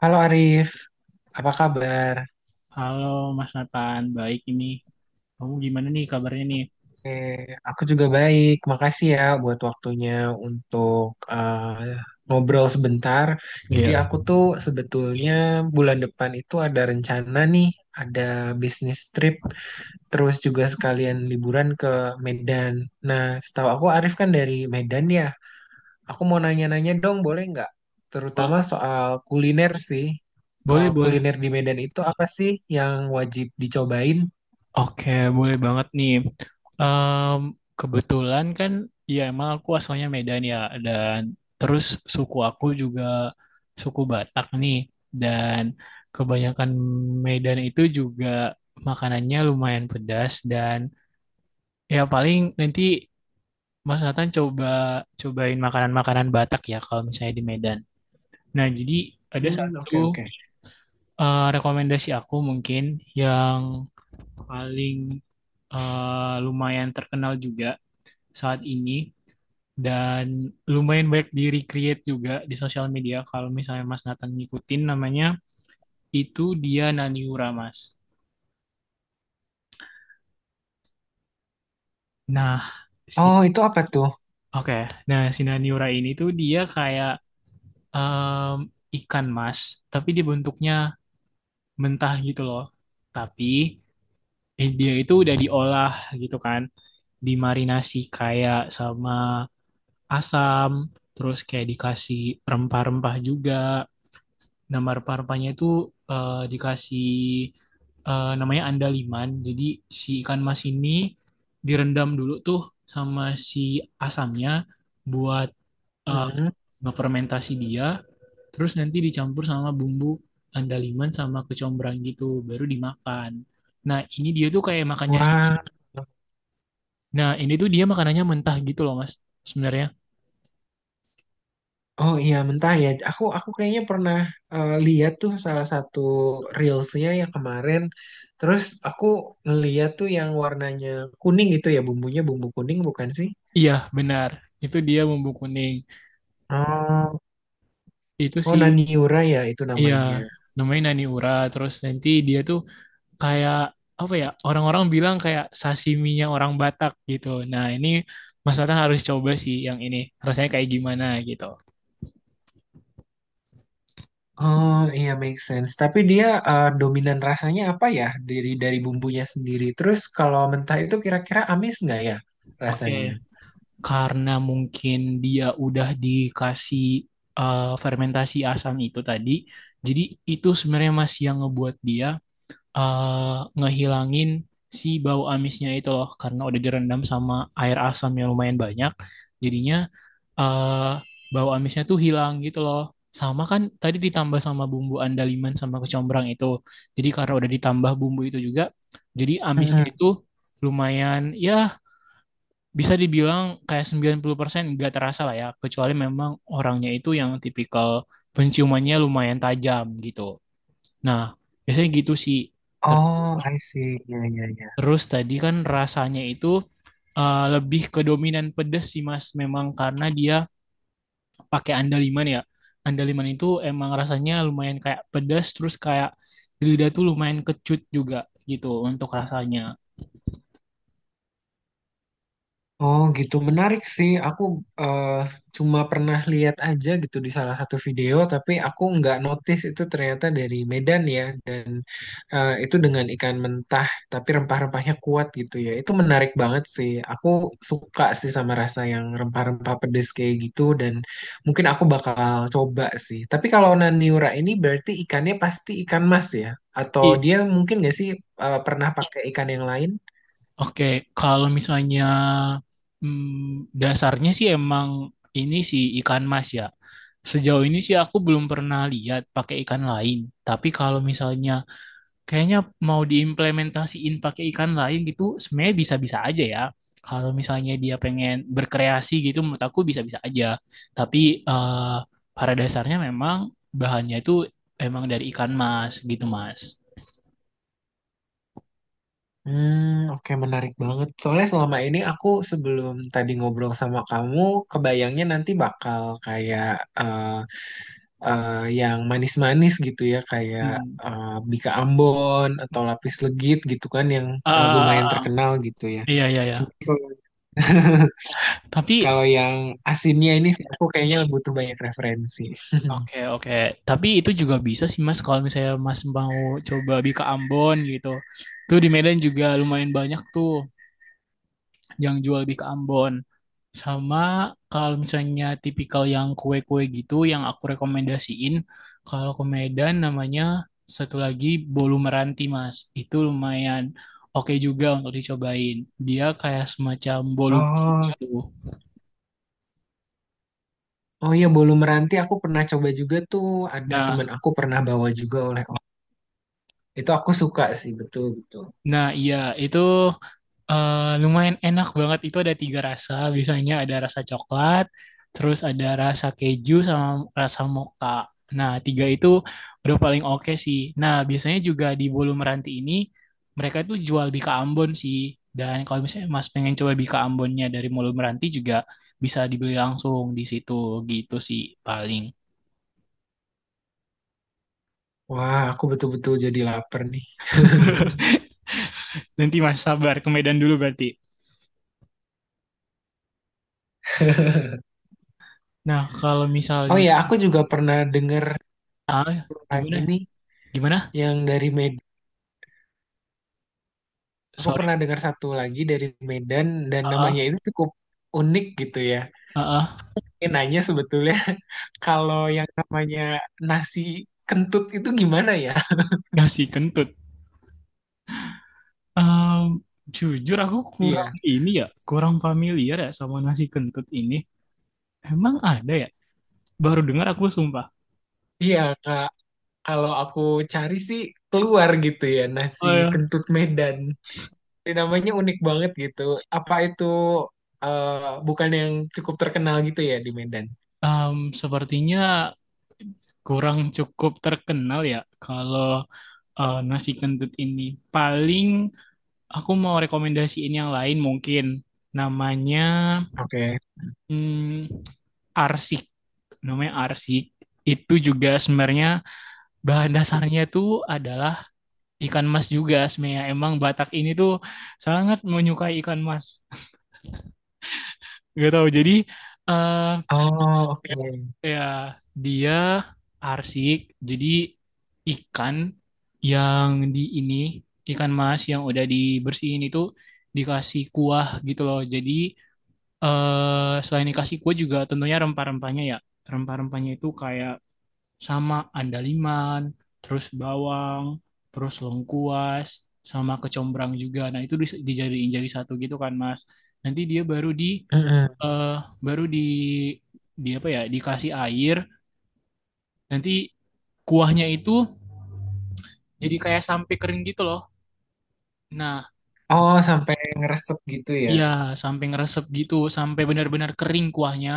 Halo Arif, apa kabar? Halo Mas Nathan, baik ini. Kamu gimana nih kabarnya nih? Eh, aku juga baik. Makasih ya buat waktunya untuk eh, ngobrol sebentar. Jadi Iya, aku tuh sebetulnya bulan depan itu ada rencana nih, ada bisnis trip, terus juga sekalian liburan ke Medan. Nah, setahu aku Arif kan dari Medan ya. Aku mau nanya-nanya dong, boleh nggak? Bo- Terutama soal kuliner sih. boleh, Kalau boleh. kuliner di Medan itu apa sih yang wajib dicobain? Oke, boleh banget nih. Em, kebetulan kan, ya emang aku asalnya Medan ya, dan terus suku aku juga suku Batak nih, dan kebanyakan Medan itu juga makanannya lumayan pedas dan ya paling nanti Mas Nathan cobain makanan-makanan Batak ya kalau misalnya di Medan. Nah, jadi ada Hmm, satu oke oke. Rekomendasi aku mungkin yang paling lumayan terkenal juga saat ini dan lumayan banyak di recreate juga di sosial media kalau misalnya Mas Nathan ngikutin namanya itu dia Naniura Mas. Nah, si Oh, itu apa tuh? oke. Nah, si Naniura ini tuh dia kayak em, ikan mas, tapi dia bentuknya mentah gitu loh. Tapi dia itu udah diolah gitu kan dimarinasi kayak sama asam, terus kayak dikasih rempah-rempah juga. Nama rempah-rempahnya itu dikasih namanya andaliman. Jadi si ikan mas ini direndam dulu tuh sama si asamnya buat eh, Mm-mm. ngefermentasi dia. Terus nanti dicampur sama bumbu andaliman sama kecombrang gitu, baru dimakan. Nah, ini dia tuh kayak makannya. Wah. Nah, ini tuh dia makanannya mentah gitu loh Mas sebenarnya. Oh iya mentah ya. Aku kayaknya pernah lihat tuh salah satu reelsnya yang kemarin. Terus aku ngeliat tuh yang warnanya kuning gitu ya bumbunya bumbu kuning bukan sih? Iya benar, itu dia bumbu kuning. Oh, Itu oh sih, Naniura ya itu iya, namanya. namanya nani ura. Terus nanti dia tuh kayak apa ya? Orang-orang bilang kayak sashiminya orang Batak gitu. Nah, ini Mas Nathan harus coba sih yang ini. Rasanya kayak gimana gitu. Oh iya make sense. Tapi dia dominan rasanya apa ya dari bumbunya sendiri. Terus kalau mentah itu kira-kira amis nggak ya Oke, rasanya? karena mungkin dia udah dikasih fermentasi asam itu tadi, jadi itu sebenarnya Mas yang ngebuat dia ngehilangin si bau amisnya itu loh, karena udah direndam sama air asam yang lumayan banyak. Jadinya eh bau amisnya tuh hilang gitu loh. Sama kan tadi ditambah sama bumbu andaliman sama kecombrang itu. Jadi karena udah ditambah bumbu itu juga, jadi amisnya Mm-mm. itu lumayan ya bisa dibilang kayak 90% nggak terasa lah ya. Kecuali memang orangnya itu yang tipikal penciumannya lumayan tajam gitu. Nah, biasanya gitu sih. Ter- Oh, I see. Ya, ya, ya. Terus tadi kan rasanya itu lebih ke dominan pedes sih Mas. Memang karena dia pakai andaliman ya. Andaliman itu emang rasanya lumayan kayak pedas terus kayak di lidah tuh lumayan kecut juga gitu untuk rasanya. Oh, gitu. Menarik sih. Aku eh, cuma pernah lihat aja gitu di salah satu video, tapi aku nggak notice itu ternyata dari Medan ya. Dan itu dengan ikan mentah, tapi rempah-rempahnya kuat gitu ya. Itu menarik banget sih. Aku suka sih sama rasa yang rempah-rempah pedes kayak gitu. Dan mungkin aku bakal coba sih. Tapi kalau Naniura ini berarti ikannya pasti ikan mas ya? Atau I, dia mungkin nggak sih pernah pakai ikan yang lain? oke, kalau misalnya dasarnya sih emang ini sih ikan mas ya. Sejauh ini sih aku belum pernah lihat pakai ikan lain. Tapi kalau misalnya kayaknya mau diimplementasiin pakai ikan lain gitu sebenarnya bisa-bisa aja ya, kalau misalnya dia pengen berkreasi gitu menurut aku bisa-bisa aja, tapi eh, pada dasarnya memang bahannya itu emang dari ikan mas gitu Mas. Hmm, oke menarik banget. Soalnya selama ini aku sebelum tadi ngobrol sama kamu, kebayangnya nanti bakal kayak eh, eh, yang manis-manis gitu ya, kayak Hmm. eh, Bika Ambon atau Lapis Legit gitu kan yang lumayan Ah, terkenal gitu ya. iya iya iya, Cuma kalau tapi kalau yang asinnya ini sih aku kayaknya butuh banyak referensi. oke oke, tapi itu juga bisa sih Mas, kalau misalnya Mas mau coba di ke Ambon gitu, tuh di Medan juga lumayan banyak tuh yang jual lebih ke Ambon. Sama kalau misalnya tipikal yang kue-kue gitu yang aku rekomendasiin, kalau ke Medan namanya satu lagi bolu meranti, Mas. Itu lumayan oke juga untuk dicobain. Dia kayak semacam bolu Oh, gitu. oh iya bolu meranti aku pernah coba juga tuh. Ada teman Nah, aku pernah bawa juga oleh Itu aku suka sih, betul betul. nah, iya itu. Lumayan enak banget itu, ada tiga rasa biasanya, ada rasa coklat terus ada rasa keju sama rasa mocha. Nah, tiga itu udah paling oke sih. Nah, biasanya juga di Bolu Meranti ini mereka itu jual bika Ambon sih, dan kalau misalnya Mas pengen coba bika Ambonnya dari Bolu Meranti juga bisa dibeli langsung di situ gitu sih paling. Wah, aku betul-betul jadi lapar nih. Nanti Mas sabar ke Medan dulu berarti. Nah, kalau Oh misalnya, ya, aku juga pernah dengar ah, lagi gimana nih gimana, yang dari Medan. Aku sorry, pernah dengar satu lagi dari Medan dan ah namanya ah itu cukup unik gitu ya. ah, ah. Ini nanya sebetulnya kalau yang namanya nasi kentut itu gimana ya? Nasi kentut. Ehm, jujur aku kurang Iya, ini ya, kurang familiar ya sama nasi kentut ini. Emang ada ya? Baru dengar aku sumpah. iya Kak. Kalau aku cari sih keluar gitu ya Oh nasi ya. kentut Medan. Ini namanya unik banget gitu. Apa itu eh, bukan yang cukup terkenal gitu ya di Medan? Sepertinya kurang cukup terkenal ya kalau nasi kentut ini. Paling aku mau rekomendasiin yang lain mungkin. Namanya Oke. hmm, arsik. Namanya arsik. Itu juga sebenarnya bahan Asik. dasarnya itu adalah ikan mas juga sebenarnya. Emang Batak ini tuh sangat menyukai ikan mas. Gak tahu. Jadi eh Oh, oke. ya dia arsik. Jadi ikan yang di ini, ikan mas yang udah dibersihin itu dikasih kuah gitu loh. Jadi selain dikasih kuah juga tentunya rempah-rempahnya ya. Rempah-rempahnya itu kayak sama andaliman, terus bawang, terus lengkuas, sama kecombrang juga. Nah, itu dijadiin jadi satu gitu kan, Mas. Nanti dia Mm-mm. eh baru di apa ya, dikasih air. Nanti kuahnya itu jadi kayak sampai kering gitu loh. Nah, Oh, sampai ngeresep gitu ya. iya sampai ngeresep gitu, sampai benar-benar kering kuahnya.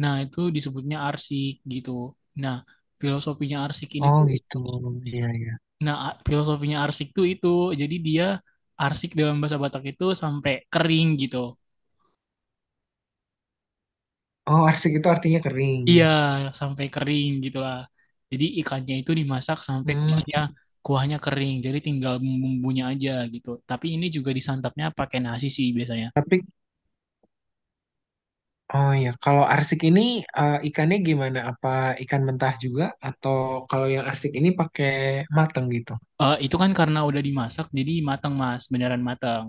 Nah, itu disebutnya arsik gitu. Nah, filosofinya arsik ini Oh, tuh. gitu. Iya, iya. Nah, filosofinya arsik tuh itu. Jadi dia arsik dalam bahasa Batak itu sampai kering gitu. Oh, arsik itu artinya kering. Iya, sampai kering gitu lah. Jadi ikannya itu dimasak sampai Hmm, kuahnya kuahnya kering. Jadi tinggal bumbunya aja gitu. Tapi ini juga disantapnya pakai nasi sih biasanya. tapi oh ya, kalau arsik ini ikannya gimana? Apa ikan mentah juga atau kalau yang arsik ini pakai mateng gitu? Itu kan karena udah dimasak jadi matang Mas, beneran matang.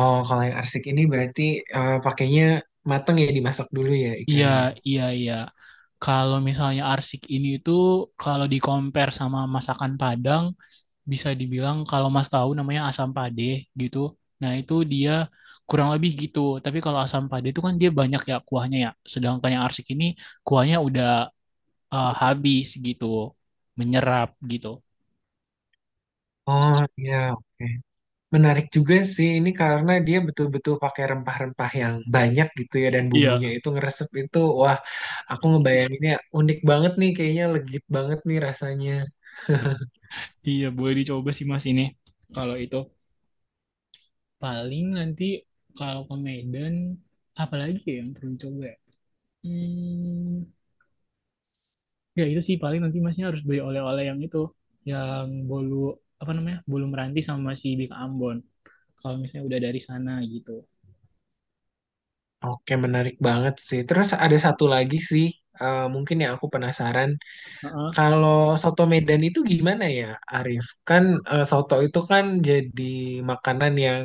Oh, kalau yang arsik ini berarti pakainya mateng ya dimasak dulu ya Iya. ikannya. Hmm. Iya, iya. Kalau misalnya arsik ini itu kalau di compare sama masakan Padang, bisa dibilang kalau Mas tahu namanya asam pade gitu. Nah, itu dia kurang lebih gitu. Tapi kalau asam pade itu kan dia banyak ya kuahnya ya. Sedangkan yang arsik ini kuahnya udah habis gitu, menyerap gitu. Oh, iya, oke. Menarik juga sih ini karena dia betul-betul pakai rempah-rempah yang banyak gitu ya dan Iya, bumbunya itu ngeresep itu wah aku ngebayanginnya unik banget nih kayaknya legit banget nih rasanya. iya boleh dicoba sih Mas ini. Kalau itu. Paling nanti kalau ke Medan apalagi ya yang perlu dicoba ya? Hmm, Ya itu sih paling nanti masnya harus beli oleh-oleh yang itu, yang bolu apa namanya bolu meranti sama si Bika Ambon. Kalau misalnya udah dari sana gitu. Oke menarik banget sih. Terus ada satu lagi sih mungkin yang aku penasaran Heeh. kalau soto Medan itu gimana ya Arif? Kan soto itu kan jadi makanan yang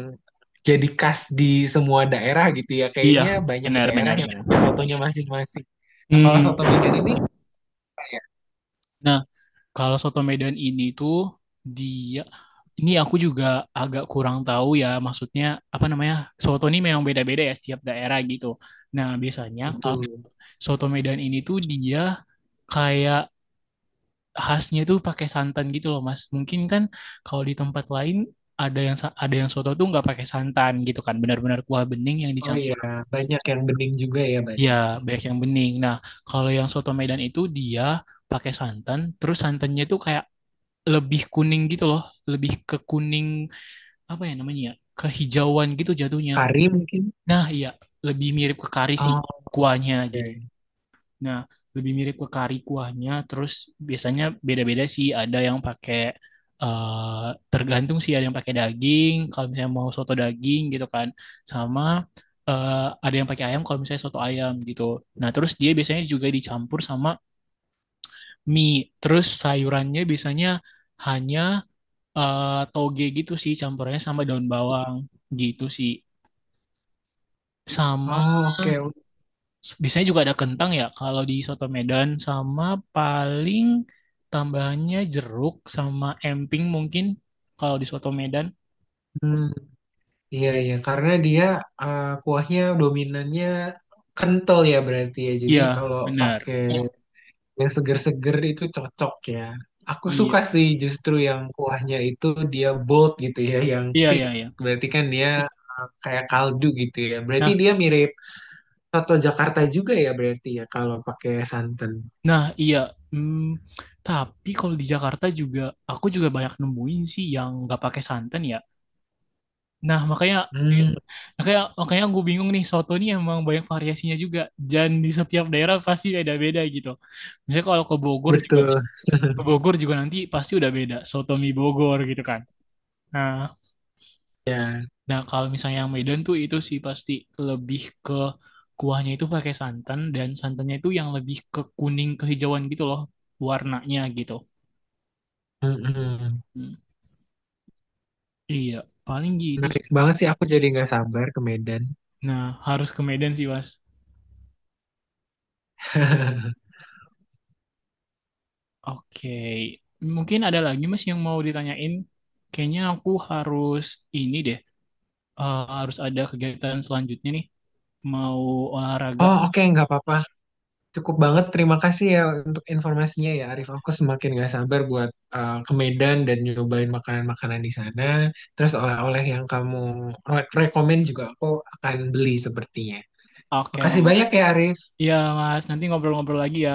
jadi khas di semua daerah gitu ya. Iya, Kayaknya banyak benar daerah benar yang benar. punya sotonya masing-masing. Nah, kalau soto Hmm. Medan ini Nah, kalau soto Medan ini tuh dia, ini aku juga agak kurang tahu ya, maksudnya apa namanya? Soto ini memang beda-beda ya setiap daerah gitu. Nah, biasanya betul. soto Medan ini tuh dia kayak khasnya itu pakai santan gitu loh Mas. Mungkin kan kalau di tempat lain ada yang ada yang soto tuh nggak pakai santan gitu kan, benar-benar kuah bening yang Oh iya, dicampur. banyak yang bening juga ya Ya, banyak. banyak yang bening. Nah, kalau yang soto Medan itu dia pakai santan, terus santannya itu kayak lebih kuning gitu loh, lebih ke kuning apa ya namanya ya, kehijauan gitu jatuhnya. Kari mungkin. Nah, iya, lebih mirip ke kari sih Oh, kuahnya oke. gitu. Nah, lebih mirip ke kari kuahnya. Terus biasanya beda-beda sih. Ada yang pakai eh tergantung sih, ada yang pakai daging. Kalau misalnya mau soto daging gitu kan, sama eh, ada yang pakai ayam. Kalau misalnya soto ayam gitu. Nah, terus dia biasanya juga dicampur sama mie. Terus sayurannya biasanya hanya toge gitu sih, campurannya sama daun bawang gitu sih. Sama Oh, oke. biasanya juga ada kentang ya kalau di soto Medan, sama paling tambahannya jeruk sama emping mungkin kalau di soto Medan. Hmm, iya, iya. Karena dia kuahnya dominannya kental ya berarti ya. Jadi Iya, kalau benar. pakai yang seger-seger itu cocok ya. Aku Iya. suka sih justru yang kuahnya itu dia bold gitu ya, yang Iya, thick. iya, iya. Berarti kan dia kayak kaldu gitu ya. Berarti Nah, dia mirip soto Jakarta juga ya berarti ya kalau pakai santan. nah, iya. Hmm, tapi kalau di Jakarta juga aku juga banyak nemuin sih yang nggak pakai santan ya. Nah, makanya Hmm, makanya makanya gue bingung nih soto nih emang banyak variasinya juga dan di setiap daerah pasti beda-beda gitu. Misalnya kalau betul. ke Bogor juga nanti pasti udah beda. Soto mie Bogor gitu kan. Nah, Ya, nah, kalau misalnya yang Medan tuh itu sih pasti lebih ke kuahnya itu pakai santan dan santannya itu yang lebih ke kuning kehijauan gitu loh warnanya gitu. mm-mm. Hmm, Iya, paling gitu sih, Menarik Mas. banget sih aku jadi nggak sabar ke Medan. Nah, harus ke Medan sih, Mas. Oke. Mungkin ada lagi Mas yang mau ditanyain. Kayaknya aku harus ini deh. Harus ada kegiatan selanjutnya nih. Mau olahraga. Oh oke nggak apa-apa. Cukup banget terima kasih ya untuk informasinya ya Arif. Aku semakin nggak sabar buat ke Medan dan nyobain makanan-makanan di sana. Terus oleh-oleh yang kamu rekomend juga aku akan beli sepertinya. Oke, Makasih makasih. banyak ya Arif. Iya Mas, nanti ngobrol-ngobrol lagi ya.